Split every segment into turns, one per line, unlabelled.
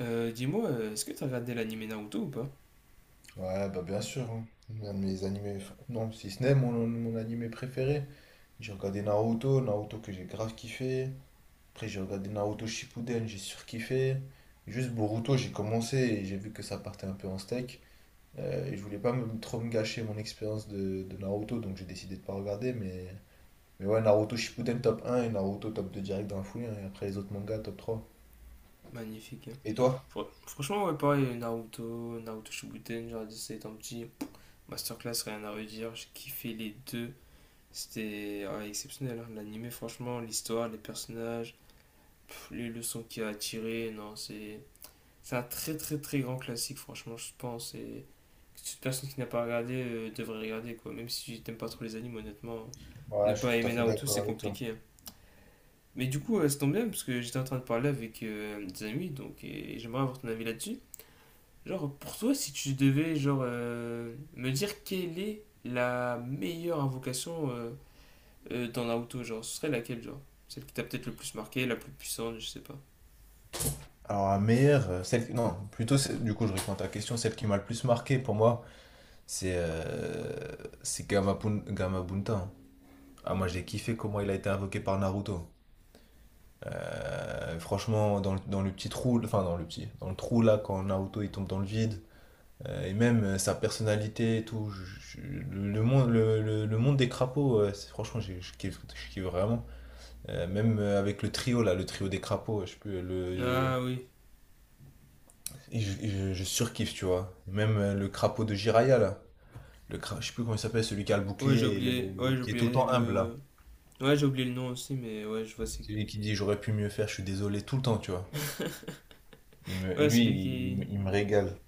Est-ce que t'as regardé l'anime Naruto ou pas?
Ouais, bah bien sûr, hein. Un de mes animés, enfin, non, si ce n'est mon animé préféré. J'ai regardé Naruto, Naruto que j'ai grave kiffé. Après, j'ai regardé Naruto Shippuden, j'ai surkiffé. Juste Boruto, j'ai commencé et j'ai vu que ça partait un peu en steak. Et je voulais pas me, trop me gâcher mon expérience de Naruto, donc j'ai décidé de pas regarder. Mais ouais, Naruto Shippuden top un et Naruto top 2 direct dans la foulée, hein. Et après, les autres mangas top trois.
Magnifique, hein.
Et toi?
Franchement, ouais, pareil, Naruto, Naruto Shippuden, genre c'est étant petit, masterclass, rien à redire, j'ai kiffé les deux, c'était ouais, exceptionnel, hein. L'anime, franchement, l'histoire, les personnages, les leçons qu'il a tirées, non, c'est un très très très grand classique, franchement, je pense, et que toute personne qui n'a pas regardé devrait regarder, quoi, même si t'aimes pas trop les animes, honnêtement, ne
Ouais, je
pas
suis tout à
aimer
fait
Naruto,
d'accord
c'est
avec toi.
compliqué, hein. Mais du coup, ça tombe bien parce que j'étais en train de parler avec des amis, donc et j'aimerais avoir ton avis là-dessus. Genre, pour toi, si tu devais genre me dire quelle est la meilleure invocation dans Naruto, genre, ce serait laquelle, genre? Celle qui t'a peut-être le plus marqué, la plus puissante, je sais pas.
Alors, la meilleure, celle qui- non, plutôt, c'est- du coup, je réponds à ta question, celle qui m'a le plus marqué pour moi, c'est euh, c'est Gamapun- Gamabunta, hein. Ah, moi, j'ai kiffé comment il a été invoqué par Naruto. Franchement, dans le petit trou, enfin, dans le petit, dans le trou là, quand Naruto il tombe dans le vide, et même sa personnalité et tout, le monde des crapauds, c'est- franchement, je kiffe vraiment. Même avec le trio là, le trio des crapauds, je sais plus, le. euh,
Ah oui.
Et je surkiffe, tu vois. Même le crapaud de Jiraya, là. Le cra... Je sais plus comment il s'appelle, celui qui a le
Ouais, j'ai
bouclier et
oublié. Ouais,
le-
j'ai
qui est tout le
oublié
temps humble,
le.
là.
Ouais, j'ai oublié le nom aussi, mais ouais, je vois c'est.
Celui qui dit j'aurais pu mieux faire, je suis désolé tout le temps, tu vois. Il me... Et
Ouais,
lui,
celui
il, il me
qui.
il me régale.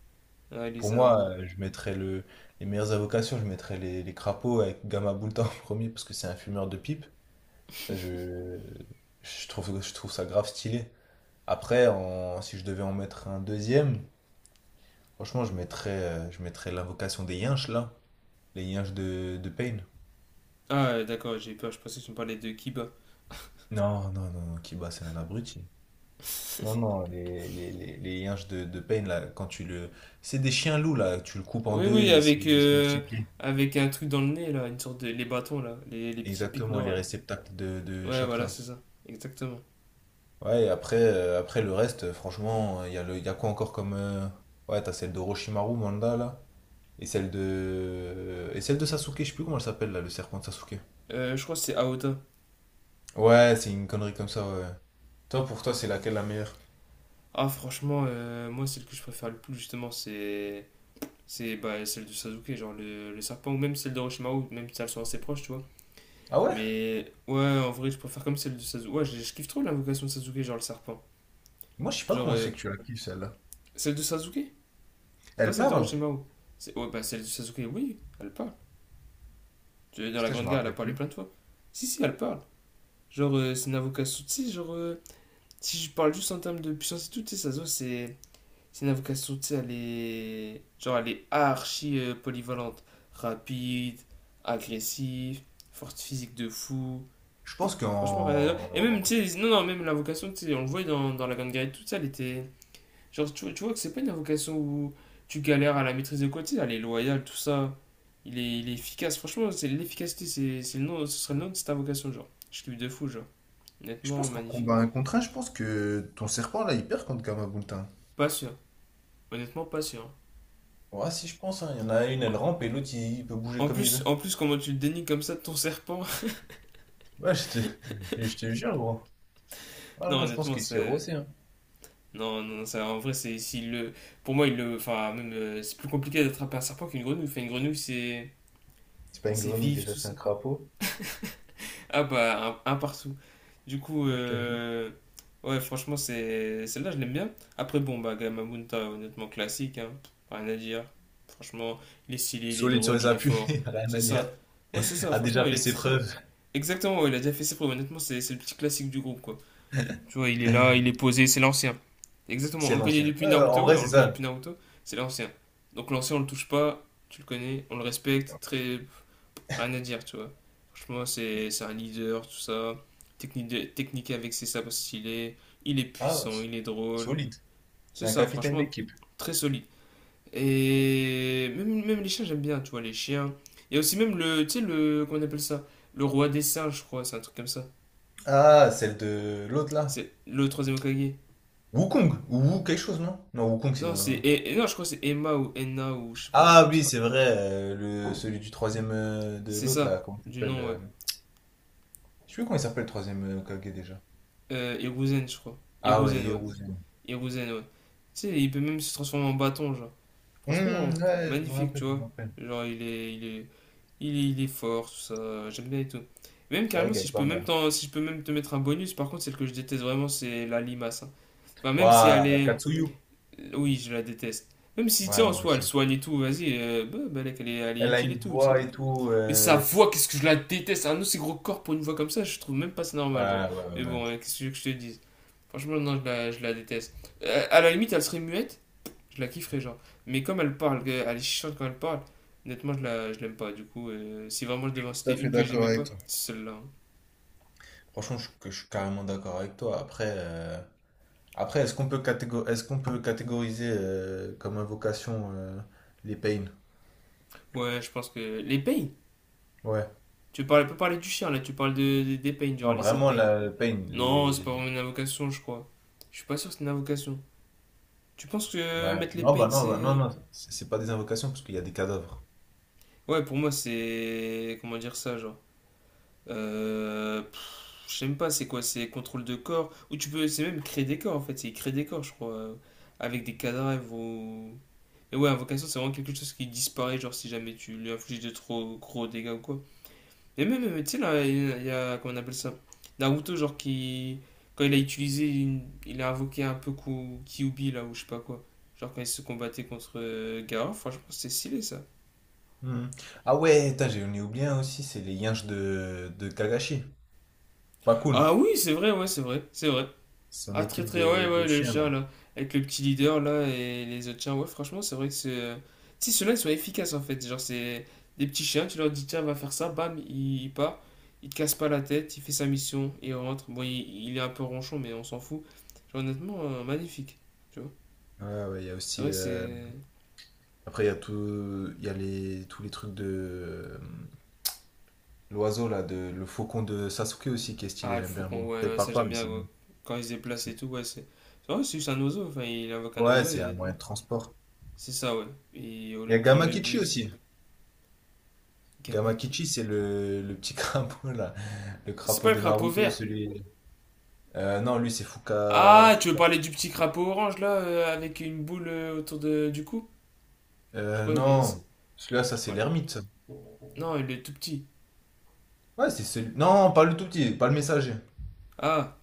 Ah, lui,
Pour
c'est un
moi,
bon.
je mettrais le... les meilleures invocations, je mettrais les crapauds avec Gamma Boulta en premier parce que c'est un fumeur de pipe. Ça, je trouve ça grave stylé. Après, en- si je devais en mettre un deuxième, franchement, je mettrais l'invocation des Yinches, là. Les Yinches de Pain.
Ah, d'accord, j'ai peur, je pensais que tu me parlais de Kiba.
Non, non, non, non, Kiba, c'est un abruti. Non, non, les yinches de Pain, là, quand tu le... C'est des chiens loups, là, tu le coupes en
Oui,
deux,
oui,
ils se,
avec,
ils se multiplient.
avec un truc dans le nez, là, une sorte de... les bâtons, là, les petits pics
Exactement,
noirs,
les
là.
réceptacles de
Ouais, voilà,
chakras.
c'est ça, exactement.
Ouais, et après, après le reste, franchement, il y a le, il y a quoi encore comme... Ouais, t'as celle de Roshimaru, Manda, là, et celle de... Et celle de Sasuke, je sais plus comment elle s'appelle, là, le serpent de Sasuke.
Je crois que c'est Aota.
Ouais, c'est une connerie comme ça, ouais. Toi, pour toi, c'est laquelle la meilleure?
Ah, franchement, moi, celle que je préfère le plus, justement, c'est... c'est bah, celle de Sasuke, genre le serpent, ou même celle d'Orochimaru, même si elles sont assez proches, tu vois.
Ah ouais?
Mais ouais, en vrai, je préfère comme celle de Sasuke. Ouais, je kiffe trop l'invocation de Sasuke, genre le serpent.
Moi, je sais pas
Genre,
comment c'est que tu la kiffes, celle-là.
celle de Sasuke, pas
Elle
celle
parle?
d'Orochimaru. Ouais, bah celle de Sasuke, oui, elle parle. Tu veux dans la
Putain, je
Grande
me
Guerre, elle a
rappelle
parlé
plus.
plein de fois. Si, si, elle parle. Genre, c'est un avocat Souti, genre, si je parle juste en termes de puissance et tout, tu sais, Sazo, c'est une avocat Souti, elle est. Genre, elle est archi polyvalente. Rapide, agressive, forte physique de fou.
Je pense
Franchement, rien à dire. Et même,
qu'en
tu sais, non, non, même la vocation, tu sais, on le voit dans, dans la Grande Guerre et tout ça, elle était. Genre, tu vois que c'est pas une vocation où tu galères à la maîtrise de quoi, tu sais, elle est loyale, tout ça. Il est efficace, franchement, c'est l'efficacité, c'est le nom, ce serait le nom de cette invocation, genre. Je kiffe de fou, genre.
je
Honnêtement,
pense qu'en
magnifique.
combat un contre un, je pense que ton serpent là, il perd contre Gamabuntin.
Pas sûr. Honnêtement, pas sûr.
Ouais, si je pense, hein. Il y en a une, elle rampe et l'autre, il peut bouger comme il veut.
En plus, comment tu le dénies comme ça de ton serpent?
Ouais, je te, je te jure, gros. Ah
Non,
non, je pense
honnêtement,
qu'il s'est
c'est.
rossé, hein.
Non, non, ça, en vrai, c'est. S'il le... pour moi, il le. Enfin, même. C'est plus compliqué d'attraper un serpent qu'une grenouille. Enfin, une grenouille, c'est.
C'est pas une
C'est
grenouille
vif,
déjà,
tout
c'est un
ça.
crapaud.
Ah, bah, un partout. Du coup,
Ouais, je te jure.
ouais, franchement, c'est. Celle-là, je l'aime bien. Après, bon, bah, Gamabunta, honnêtement, classique, hein. Rien à dire. Franchement, il est stylé, il est
Solide sur
drôle,
les
il est
appuis,
fort.
rien
C'est
à dire.
ça. Ouais, c'est ça,
A
franchement,
déjà
il
fait
est
ses
très.
preuves.
Exactement, ouais, il a déjà fait ses preuves. Honnêtement, c'est le petit classique du groupe, quoi. Tu vois, il est là, il est posé, c'est l'ancien. Exactement,
C'est
on le connaît
l'ancien.
depuis
Ouais, en
Naruto, ouais,
vrai,
on
c'est
le connaît
ça.
depuis Naruto, c'est l'ancien. Donc l'ancien, on le touche pas, tu le connais, on le respecte, très... rien à dire, tu vois. Franchement, c'est un leader, tout ça. Technique, technique avec ses sabres stylés, il est
Ah, ouais,
puissant,
c'est-
il est drôle.
solide. C'est
C'est
un
ça,
capitaine
franchement,
d'équipe.
très solide. Et même, même les chiens, j'aime bien, tu vois, les chiens. Il y a aussi même le, tu sais, le, comment on appelle ça? Le roi des singes, je crois, c'est un truc comme ça.
Ah, celle de l'autre là.
C'est le troisième Okage.
Wukong ou Wu quelque chose, non? Non, Wukong, c'est dans le...
Non, je crois que c'est Emma ou Enna ou je sais pas, un truc
Ah
comme ça.
oui, c'est vrai, le, celui du troisième de
C'est
l'autre là,
ça,
comment il
du
s'appelle
nom, ouais.
Je sais plus comment il s'appelle le troisième Hokage déjà.
Hiruzen, je crois.
Ah ouais,
Hiruzen, ouais.
Hiruzen.
Hiruzen, ouais. Tu sais, il peut même se transformer en bâton, genre. Franchement,
Ouais, je me
magnifique, tu
rappelle, je me
vois.
rappelle.
Genre, il est fort, tout ça. J'aime bien et tout. Même
C'est vrai
carrément,
qu'elle
si
est
je peux
pas
même,
mal.
si je peux même te mettre un bonus, par contre, celle que je déteste vraiment, c'est la limace. Hein. Enfin, même si elle
Waouh,
est.
Katsuyu.
Oui, je la déteste. Même si, tu sais,
Ouais,
en
moi
soi, elle
aussi.
soigne et tout, vas-y, bah, bah, elle est
Elle a
utile
une
et tout, tu sais.
voix et tout.
Mais sa
C'est-
voix, qu'est-ce que je la déteste. Un aussi gros corps pour une voix comme ça, je trouve même pas c'est normal, genre.
ouais, ouais,
Mais
ouais.
bon, hein, qu'est-ce que tu veux que je te dise. Franchement, non, je la déteste. À la limite, elle serait muette, je la kifferais, genre. Mais comme elle parle, elle est chiante quand elle parle, honnêtement, je l'aime pas. Du coup, si vraiment je devais en
Tout à
citer
fait
une que
d'accord
j'aimais
avec
pas,
toi.
c'est celle-là. Hein.
Franchement, que je suis carrément d'accord avec toi. Après, après, est-ce qu'on peut catégoriser comme invocation les pains?
Ouais, je pense que. Les pains.
Ouais.
Tu parles peux parler du chien, là, tu parles de, des pains, genre
Non,
les 7
vraiment
pains.
la pain,
Non, c'est
les-
pas vraiment une invocation, je crois. Je suis pas sûr que c'est une invocation. Tu penses que
Ouais.
mettre les
Non, bah
pains,
non, bah non,
c'est.
non, c'est pas des invocations parce qu'il y a des cadavres.
Ouais, pour moi, c'est. Comment dire ça, genre. Je sais même pas, c'est quoi? C'est contrôle de corps. Ou tu peux. C'est même créer des corps, en fait. C'est créer des corps, je crois. Avec des cadavres ou. Et ouais, invocation, c'est vraiment quelque chose qui disparaît, genre si jamais tu lui infliges de trop gros dégâts ou quoi. Et même, tu sais, là, comment on appelle ça? Naruto, genre qui. Quand il a utilisé. Il a invoqué un peu Kyuubi, là, ou je sais pas quoi. Genre quand il se combattait contre Gaara, franchement, c'est stylé ça.
Hmm. Ah ouais, putain, j'en ai oublié un aussi, c'est les yinches de Kagashi, pas Pakun,
Ah oui, c'est vrai, ouais, c'est vrai, c'est vrai.
son
Ah, très
équipe
très, ouais,
de
ouais, le
chiens
chien
là.
là, avec le petit leader là et les autres chiens, ouais, franchement, c'est vrai que c'est. Si ceux-là ils sont efficaces en fait, genre c'est des petits chiens, tu leur dis tiens, va faire ça, bam, il part, il te casse pas la tête, il fait sa mission, il rentre. Bon, il est un peu ronchon, mais on s'en fout. Genre, honnêtement, magnifique, tu vois.
Ouais, ouais, il y a
C'est
aussi.
vrai que c'est.
Après, il y a tout, il y a les, tous les trucs de l'oiseau là, de le faucon de Sasuke aussi qui est
Ah,
stylé,
le
j'aime bien. Bon,
faucon, ouais,
après, il
ouais,
parle
ça
pas,
j'aime
mais
bien
c'est
ouais.
bien.
Quand il se déplace et tout, ouais, c'est. C'est vrai, c'est juste un oiseau, enfin, il invoque un
Ouais,
oiseau, et
c'est un
honnêtement,
moyen de transport.
c'est ça, ouais. Et au
Il y
lieu
a
de prendre le
Gamakichi
bus,
aussi.
gamin qui.
Gamakichi, c'est le petit crapaud là, le
C'est
crapaud
pas le
de
crapaud
Naruto,
vert!
celui. Non, lui c'est Fuka...
Ah, tu veux
Fuka-
parler du petit crapaud orange là, avec une boule autour de, du cou? Je crois qu'il est. ça,
Non, celui-là ça
tu
c'est
parles.
l'ermite, ça.
Non, il est tout petit.
Ouais, c'est celui. Non, pas le tout petit, pas le messager.
Ah,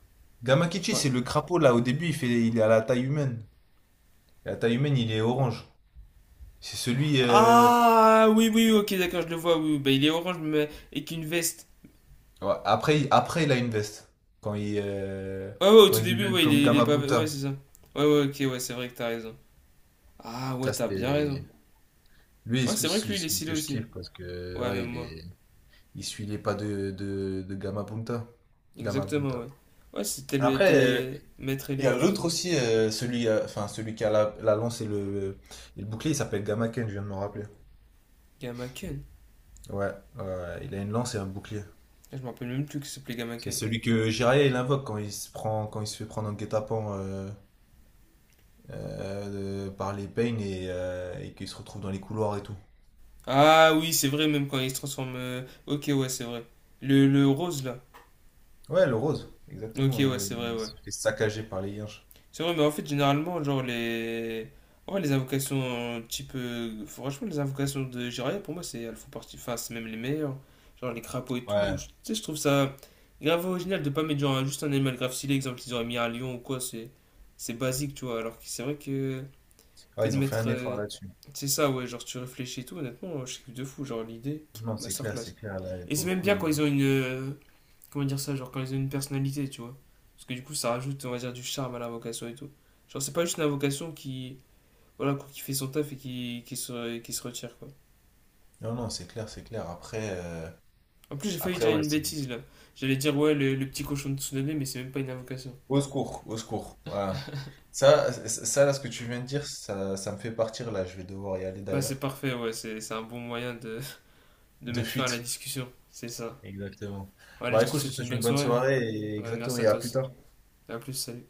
tu
Gamakichi,
parles.
c'est le crapaud là. Au début, il fait, il est à la taille humaine. Et à la taille humaine, il est orange. C'est celui.
Ah, oui, oui, ok, d'accord, je le vois. Oui, oui. bah il est orange, mais avec une veste.
Ouais, après, il a une veste. Quand il, euh,
Ouais, ouais, au
quand
tout
il
début,
devient
ouais,
comme
il est pas. Ouais, c'est
Gamabunta.
ça. Ouais, ouais, ok, ouais, c'est vrai que t'as raison. Ah, ouais,
Ça
t'as bien raison.
c'était. Lui,
Ouais,
c'est
c'est
celui,
vrai que lui,
celui-
il est
celui
stylé
que je
aussi.
kiffe parce que
Ouais,
ouais,
même
il
moi.
est. Il suit les pas de Gama Punta. Gama
Exactement,
Punta.
ouais. Ouais, c'était
Après,
le maître
il y a
élève, tout ça.
l'autre aussi, celui, enfin, celui qui a la, la lance et le bouclier, il s'appelle Gama Ken, je viens de me rappeler.
Gamaken.
Ouais, ouais, il a une lance et un bouclier.
Ah, je me rappelle même plus que ça s'appelait
C'est
Gamaken.
celui que Jiraiya il invoque quand il se prend, quand il se fait prendre en guet-apens par les Pain et qu'il se retrouve dans les couloirs et tout.
Ah oui, c'est vrai, même quand il se transforme. Ok, ouais, c'est vrai. Le rose là.
Ouais, le rose,
Ok,
exactement, le- il
ouais.
se fait saccager par les Yinches.
C'est vrai, mais en fait, généralement, genre les. Ouais, les invocations type. Franchement, les invocations de Jiraiya, pour moi, c'est elles font partie. Enfin, c'est même les meilleures. Genre les crapauds et tout.
Ouais.
Tu sais, je trouve ça grave original de pas mettre genre juste un animal grave stylé. Exemple, ils auraient mis un lion ou quoi, c'est. C'est basique, tu vois. Alors que c'est vrai que.
Ouais,
Que de
ils ont fait un
mettre.
effort là-dessus.
C'est ça, ouais, genre tu réfléchis et tout, honnêtement, je suis de fou. Genre l'idée,
Non,
ma
c'est
soeur.
clair, c'est clair. Là,
Et c'est
pour le
même
coup,
bien quand
ils,
ils ont une. Comment dire ça. Genre quand ils ont une personnalité, tu vois. Parce que du coup, ça rajoute, on va dire, du charme à la vocation et tout. Genre, c'est pas juste une vocation qui. Voilà, quoi, qui fait son taf et qui, qui se retire, quoi.
Non, non, c'est clair, c'est clair. Après,
En plus, j'ai failli
après
dire
ouais,
une
c'est...
bêtise là. J'allais dire, ouais, le petit cochon de Tsunade, mais c'est même pas une invocation.
Au secours, au secours. Voilà. Ça, ce que tu viens de dire, ça me fait partir, là. Je vais devoir y aller,
Bah, c'est
d'ailleurs.
parfait, ouais, c'est un bon moyen de
De
mettre fin à la
fuite.
discussion. C'est ça.
Exactement.
Bon, allez,
Bah,
je te
écoute, je te
souhaite une
souhaite
bonne
une bonne
soirée. Hein.
soirée et
Ouais,
exactement,
merci à
et à
toi
plus
aussi.
tard.
À plus, salut.